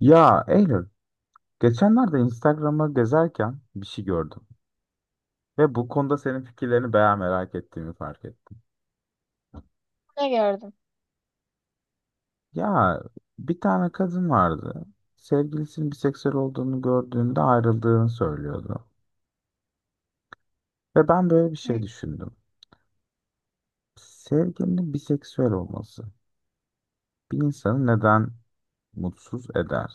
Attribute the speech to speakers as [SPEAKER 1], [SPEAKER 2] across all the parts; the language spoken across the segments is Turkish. [SPEAKER 1] Ya Eylül, geçenlerde Instagram'ı gezerken bir şey gördüm ve bu konuda senin fikirlerini bayağı merak ettiğimi fark ettim.
[SPEAKER 2] Ne gördüm?
[SPEAKER 1] Ya bir tane kadın vardı. Sevgilisinin biseksüel olduğunu gördüğünde ayrıldığını söylüyordu. Ve ben böyle bir şey
[SPEAKER 2] Hı.
[SPEAKER 1] düşündüm. Sevgilinin biseksüel olması bir insanı neden mutsuz eder?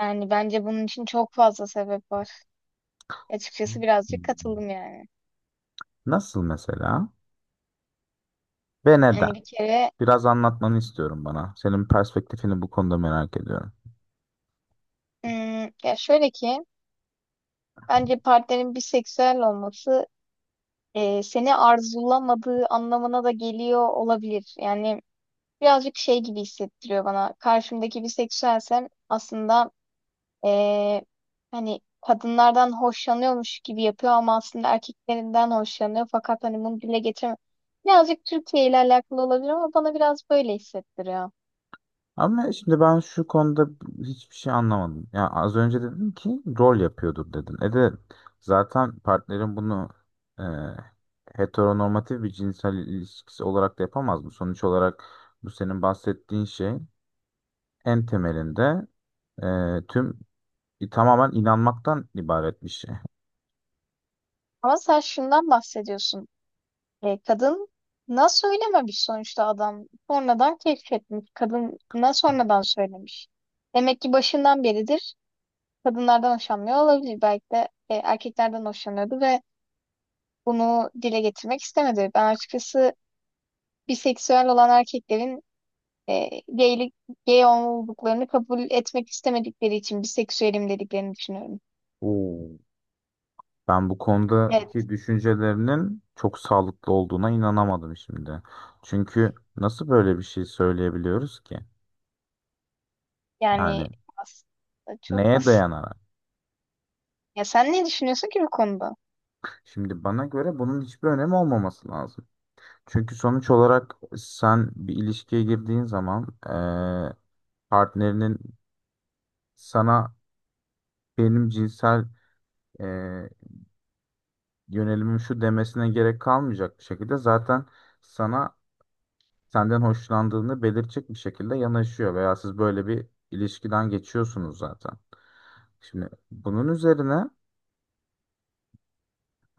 [SPEAKER 2] Yani bence bunun için çok fazla sebep var.
[SPEAKER 1] Hmm.
[SPEAKER 2] Açıkçası birazcık katıldım yani.
[SPEAKER 1] Nasıl mesela ve neden?
[SPEAKER 2] Yani bir kere
[SPEAKER 1] Biraz anlatmanı istiyorum bana. Senin perspektifini bu konuda merak ediyorum.
[SPEAKER 2] ya şöyle ki bence partnerin biseksüel olması seni arzulamadığı anlamına da geliyor olabilir. Yani birazcık şey gibi hissettiriyor bana. Karşımdaki biseksüelsem aslında e, hani kadınlardan hoşlanıyormuş gibi yapıyor ama aslında erkeklerinden hoşlanıyor fakat hani bunu dile getirmiyor. Birazcık Türkiye ile alakalı olabilir ama bana biraz böyle hissettiriyor.
[SPEAKER 1] Ama şimdi ben şu konuda hiçbir şey anlamadım. Ya az önce dedin ki rol yapıyordur dedin. E de zaten partnerin bunu e, heteronormatif bir cinsel ilişkisi olarak da yapamaz mı? Sonuç olarak bu senin bahsettiğin şey en temelinde e, tüm tamamen inanmaktan ibaret bir şey.
[SPEAKER 2] Ama sen şundan bahsediyorsun. Kadın nasıl söylememiş sonuçta adam sonradan keşfetmiş. Kadına sonradan söylemiş. Demek ki başından beridir kadınlardan hoşlanmıyor olabilir. Belki de erkeklerden hoşlanıyordu ve bunu dile getirmek istemedi. Ben açıkçası biseksüel olan erkeklerin e, gaylik, gay olduklarını kabul etmek istemedikleri için biseksüelim dediklerini düşünüyorum.
[SPEAKER 1] Oo. Ben bu
[SPEAKER 2] Evet,
[SPEAKER 1] konudaki düşüncelerinin çok sağlıklı olduğuna inanamadım şimdi. Çünkü nasıl böyle bir şey söyleyebiliyoruz ki?
[SPEAKER 2] yani
[SPEAKER 1] Yani
[SPEAKER 2] aslında çok
[SPEAKER 1] neye
[SPEAKER 2] basit.
[SPEAKER 1] dayanarak?
[SPEAKER 2] Ya sen ne düşünüyorsun ki bu konuda?
[SPEAKER 1] Şimdi bana göre bunun hiçbir önemi olmaması lazım. Çünkü sonuç olarak sen bir ilişkiye girdiğin zaman partnerinin sana benim cinsel eee, yönelimim şu demesine gerek kalmayacak bir şekilde zaten sana senden hoşlandığını belirtecek bir şekilde yanaşıyor veya siz böyle bir ilişkiden geçiyorsunuz zaten. Şimdi bunun üzerine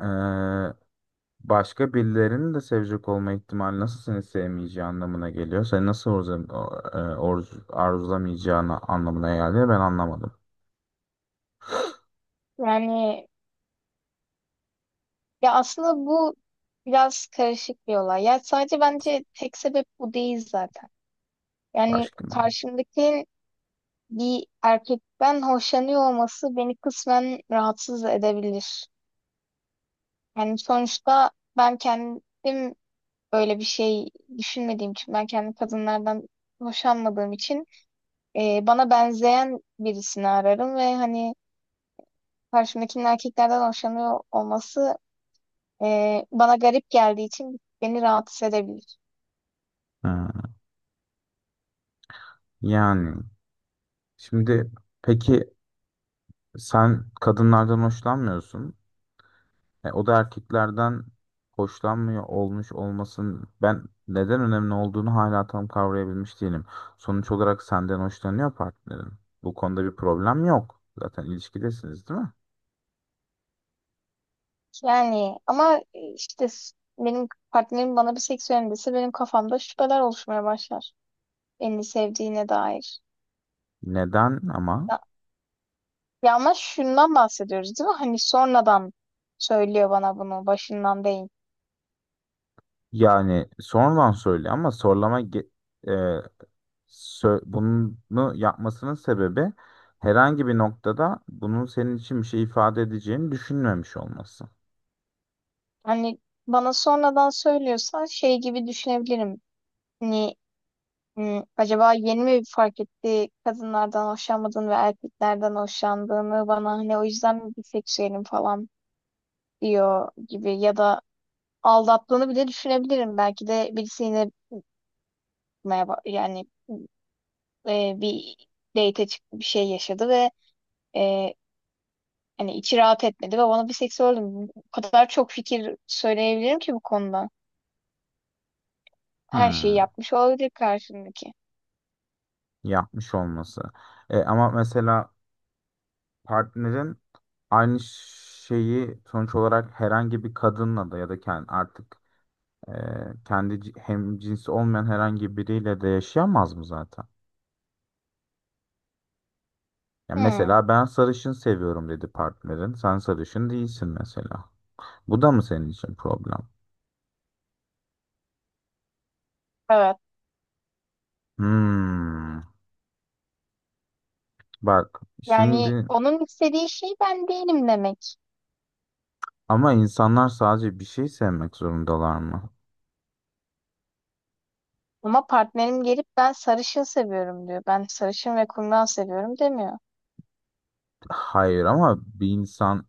[SPEAKER 1] eee, başka birilerinin de sevecek olma ihtimali nasıl seni sevmeyeceği anlamına geliyor. Seni nasıl arzulamayacağını anlamına geldi. Ben anlamadım.
[SPEAKER 2] Yani ya aslında bu biraz karışık bir olay. Ya sadece bence tek sebep bu değil zaten. Yani
[SPEAKER 1] Başka mı?
[SPEAKER 2] karşımdakinin bir erkekten hoşlanıyor olması beni kısmen rahatsız edebilir. Yani sonuçta ben kendim böyle bir şey düşünmediğim için ben kendi kadınlardan hoşlanmadığım için bana benzeyen birisini ararım ve hani karşımdakinin erkeklerden hoşlanıyor olması bana garip geldiği için beni rahatsız edebilir.
[SPEAKER 1] Ha, yani şimdi peki sen kadınlardan hoşlanmıyorsun. E, o da erkeklerden hoşlanmıyor olmuş olmasın ben neden önemli olduğunu hala tam kavrayabilmiş değilim. Sonuç olarak senden hoşlanıyor partnerin. Bu konuda bir problem yok. Zaten ilişkidesiniz değil mi?
[SPEAKER 2] Yani ama işte benim partnerim bana bir seksüelim dese benim kafamda şüpheler oluşmaya başlar. Beni sevdiğine dair.
[SPEAKER 1] Neden ama?
[SPEAKER 2] Ya, ya, ama şundan bahsediyoruz değil mi? Hani sonradan söylüyor bana bunu başından değil.
[SPEAKER 1] Yani sonradan söyle ama sorlama ge- e, sö- bunu yapmasının sebebi herhangi bir noktada bunun senin için bir şey ifade edeceğini düşünmemiş olması.
[SPEAKER 2] Hani bana sonradan söylüyorsa şey gibi düşünebilirim. Hani acaba yeni mi fark etti kadınlardan hoşlanmadığını ve erkeklerden hoşlandığını bana hani o yüzden mi biseksüelim falan diyor gibi ya da aldattığını bile düşünebilirim. Belki de birisi yine merhaba, yani bir date çıktı bir şey yaşadı ve e, hani içi rahat etmedi ve bana biseksüelim. O kadar çok fikir söyleyebilirim ki bu konuda. Her şeyi
[SPEAKER 1] Hmm,
[SPEAKER 2] yapmış olabilir karşımdaki.
[SPEAKER 1] yapmış olması. E, ama mesela partnerin aynı şeyi sonuç olarak herhangi bir kadınla da ya da kendi artık e, kendi hem cinsi olmayan herhangi biriyle de yaşayamaz mı zaten? Ya
[SPEAKER 2] Hmm.
[SPEAKER 1] mesela ben sarışın seviyorum dedi partnerin. Sen sarışın değilsin mesela. Bu da mı senin için problem?
[SPEAKER 2] Evet.
[SPEAKER 1] Hmm, bak
[SPEAKER 2] Yani
[SPEAKER 1] şimdi,
[SPEAKER 2] onun istediği şey ben değilim demek.
[SPEAKER 1] ama insanlar sadece bir şey sevmek zorundalar mı?
[SPEAKER 2] Ama partnerim gelip ben sarışın seviyorum diyor. Ben sarışın ve kumral seviyorum demiyor.
[SPEAKER 1] Hayır ama bir insan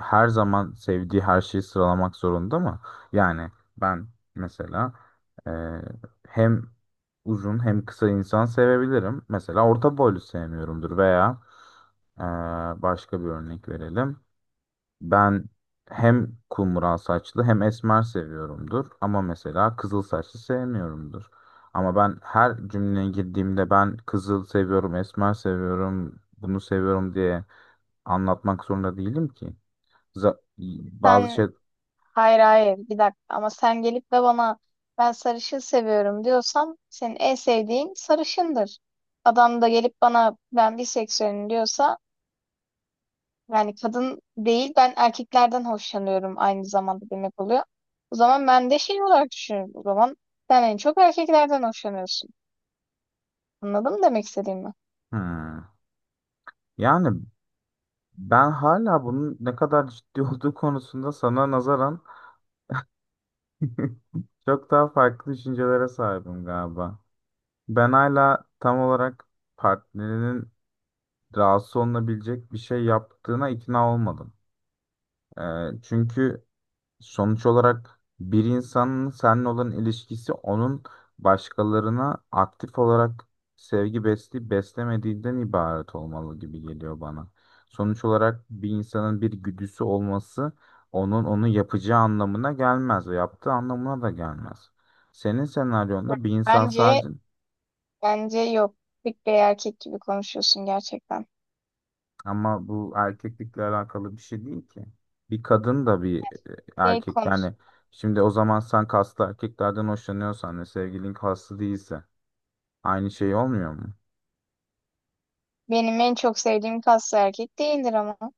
[SPEAKER 1] her zaman sevdiği her şeyi sıralamak zorunda mı? Yani ben mesela e, hem uzun hem kısa insan sevebilirim. Mesela orta boylu sevmiyorumdur veya e, başka bir örnek verelim. Ben hem kumral saçlı hem esmer seviyorumdur ama mesela kızıl saçlı sevmiyorumdur. Ama ben her cümleye girdiğimde ben kızıl seviyorum, esmer seviyorum, bunu seviyorum diye anlatmak zorunda değilim ki. Za- Bazı şey...
[SPEAKER 2] Sen hayır hayır, bir dakika, ama sen gelip de bana ben sarışın seviyorum diyorsam senin en sevdiğin sarışındır. Adam da gelip bana ben biseksüelim diyorsa yani kadın değil ben erkeklerden hoşlanıyorum aynı zamanda demek oluyor. O zaman ben de şey olarak düşünüyorum. O zaman sen en çok erkeklerden hoşlanıyorsun. Anladın mı demek istediğimi?
[SPEAKER 1] Hmm. Yani ben hala bunun ne kadar ciddi olduğu konusunda sana nazaran çok daha farklı düşüncelere sahibim galiba. Ben hala tam olarak partnerinin rahatsız olunabilecek bir şey yaptığına ikna olmadım. Ee, Çünkü sonuç olarak bir insanın seninle olan ilişkisi onun başkalarına aktif olarak sevgi besleyip beslemediğinden ibaret olmalı gibi geliyor bana. Sonuç olarak bir insanın bir güdüsü olması onun onu yapacağı anlamına gelmez ve yaptığı anlamına da gelmez. Senin senaryonda bir insan
[SPEAKER 2] Bence
[SPEAKER 1] sadece
[SPEAKER 2] bence yok. Tık bir erkek gibi konuşuyorsun gerçekten.
[SPEAKER 1] ama bu erkeklikle alakalı bir şey değil ki. Bir kadın da bir
[SPEAKER 2] Şey
[SPEAKER 1] erkek,
[SPEAKER 2] konuş.
[SPEAKER 1] yani şimdi o zaman sen kaslı erkeklerden hoşlanıyorsan ve sevgilin kaslı değilse aynı şey olmuyor mu?
[SPEAKER 2] Benim en çok sevdiğim kaslı erkek değildir ama o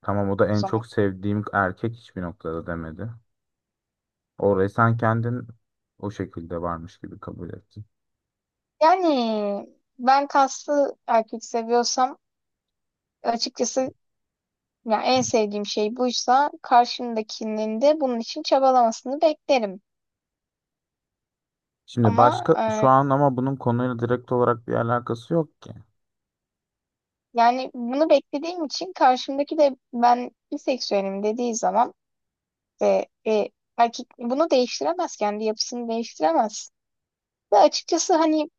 [SPEAKER 1] Tamam, o da en
[SPEAKER 2] zaman.
[SPEAKER 1] çok sevdiğim erkek hiçbir noktada demedi. Orayı sen kendin o şekilde varmış gibi kabul ettin.
[SPEAKER 2] Yani ben kaslı erkek seviyorsam açıkçası ya en sevdiğim şey buysa karşımdakinin de bunun için çabalamasını beklerim.
[SPEAKER 1] Şimdi
[SPEAKER 2] Ama
[SPEAKER 1] başka şu
[SPEAKER 2] e,
[SPEAKER 1] an, ama bunun konuyla direkt olarak bir alakası yok ki.
[SPEAKER 2] yani bunu beklediğim için karşımdaki de ben biseksüelim dediği zaman e, e, erkek bunu değiştiremez kendi yapısını değiştiremez. Ve açıkçası hani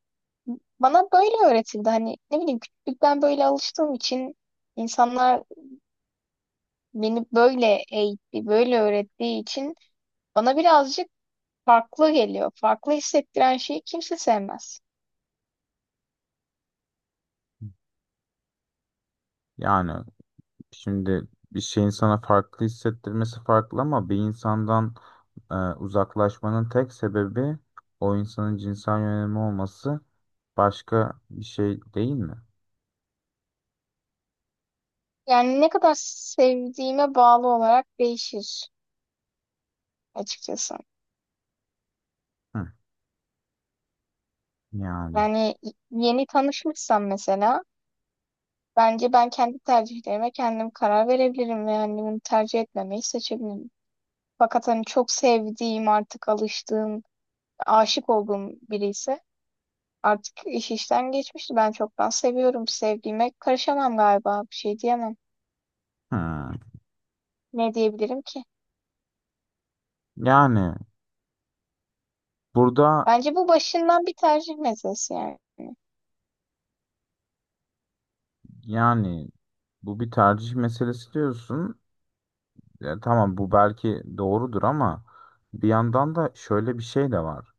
[SPEAKER 2] bana böyle öğretildi. Hani ne bileyim küçüklükten böyle alıştığım için insanlar beni böyle eğitti, böyle öğrettiği için bana birazcık farklı geliyor. Farklı hissettiren şeyi kimse sevmez.
[SPEAKER 1] Yani şimdi bir şeyin sana farklı hissettirmesi farklı ama bir insandan uzaklaşmanın tek sebebi o insanın cinsel yönelimi olması başka bir şey değil mi?
[SPEAKER 2] Yani ne kadar sevdiğime bağlı olarak değişir açıkçası.
[SPEAKER 1] Hı, yani.
[SPEAKER 2] Yani yeni tanışmışsam mesela bence ben kendi tercihlerime kendim karar verebilirim ve yani bunu tercih etmemeyi seçebilirim. Fakat hani çok sevdiğim, artık alıştığım, aşık olduğum biri ise artık iş işten geçmişti. Ben çoktan seviyorum. Sevdiğime karışamam galiba. Bir şey diyemem.
[SPEAKER 1] Hı.
[SPEAKER 2] Ne diyebilirim ki?
[SPEAKER 1] Yani burada,
[SPEAKER 2] Bence bu başından bir tercih meselesi yani.
[SPEAKER 1] yani bu bir tercih meselesi diyorsun. Ya, tamam bu belki doğrudur ama bir yandan da şöyle bir şey de var.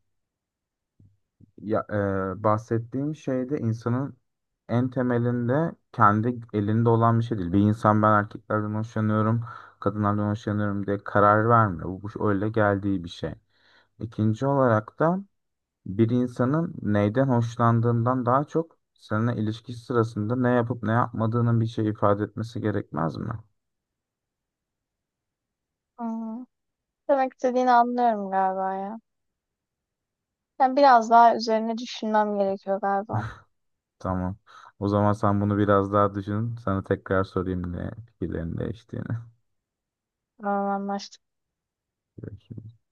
[SPEAKER 1] Ya, Bahsettiğin şeyde insanın en temelinde kendi elinde olan bir şey değil. Bir insan ben erkeklerden hoşlanıyorum, kadınlardan hoşlanıyorum diye karar vermiyor. Bu öyle geldiği bir şey. İkinci olarak da bir insanın neyden hoşlandığından daha çok seninle ilişki sırasında ne yapıp ne yapmadığının bir şey ifade etmesi gerekmez mi?
[SPEAKER 2] Hmm. Demek istediğini anlıyorum galiba ya. Ben biraz daha üzerine düşünmem gerekiyor galiba.
[SPEAKER 1] Tamam. O zaman sen bunu biraz daha düşün. Sana tekrar sorayım ne fikirlerin değiştiğini.
[SPEAKER 2] Anlaştık.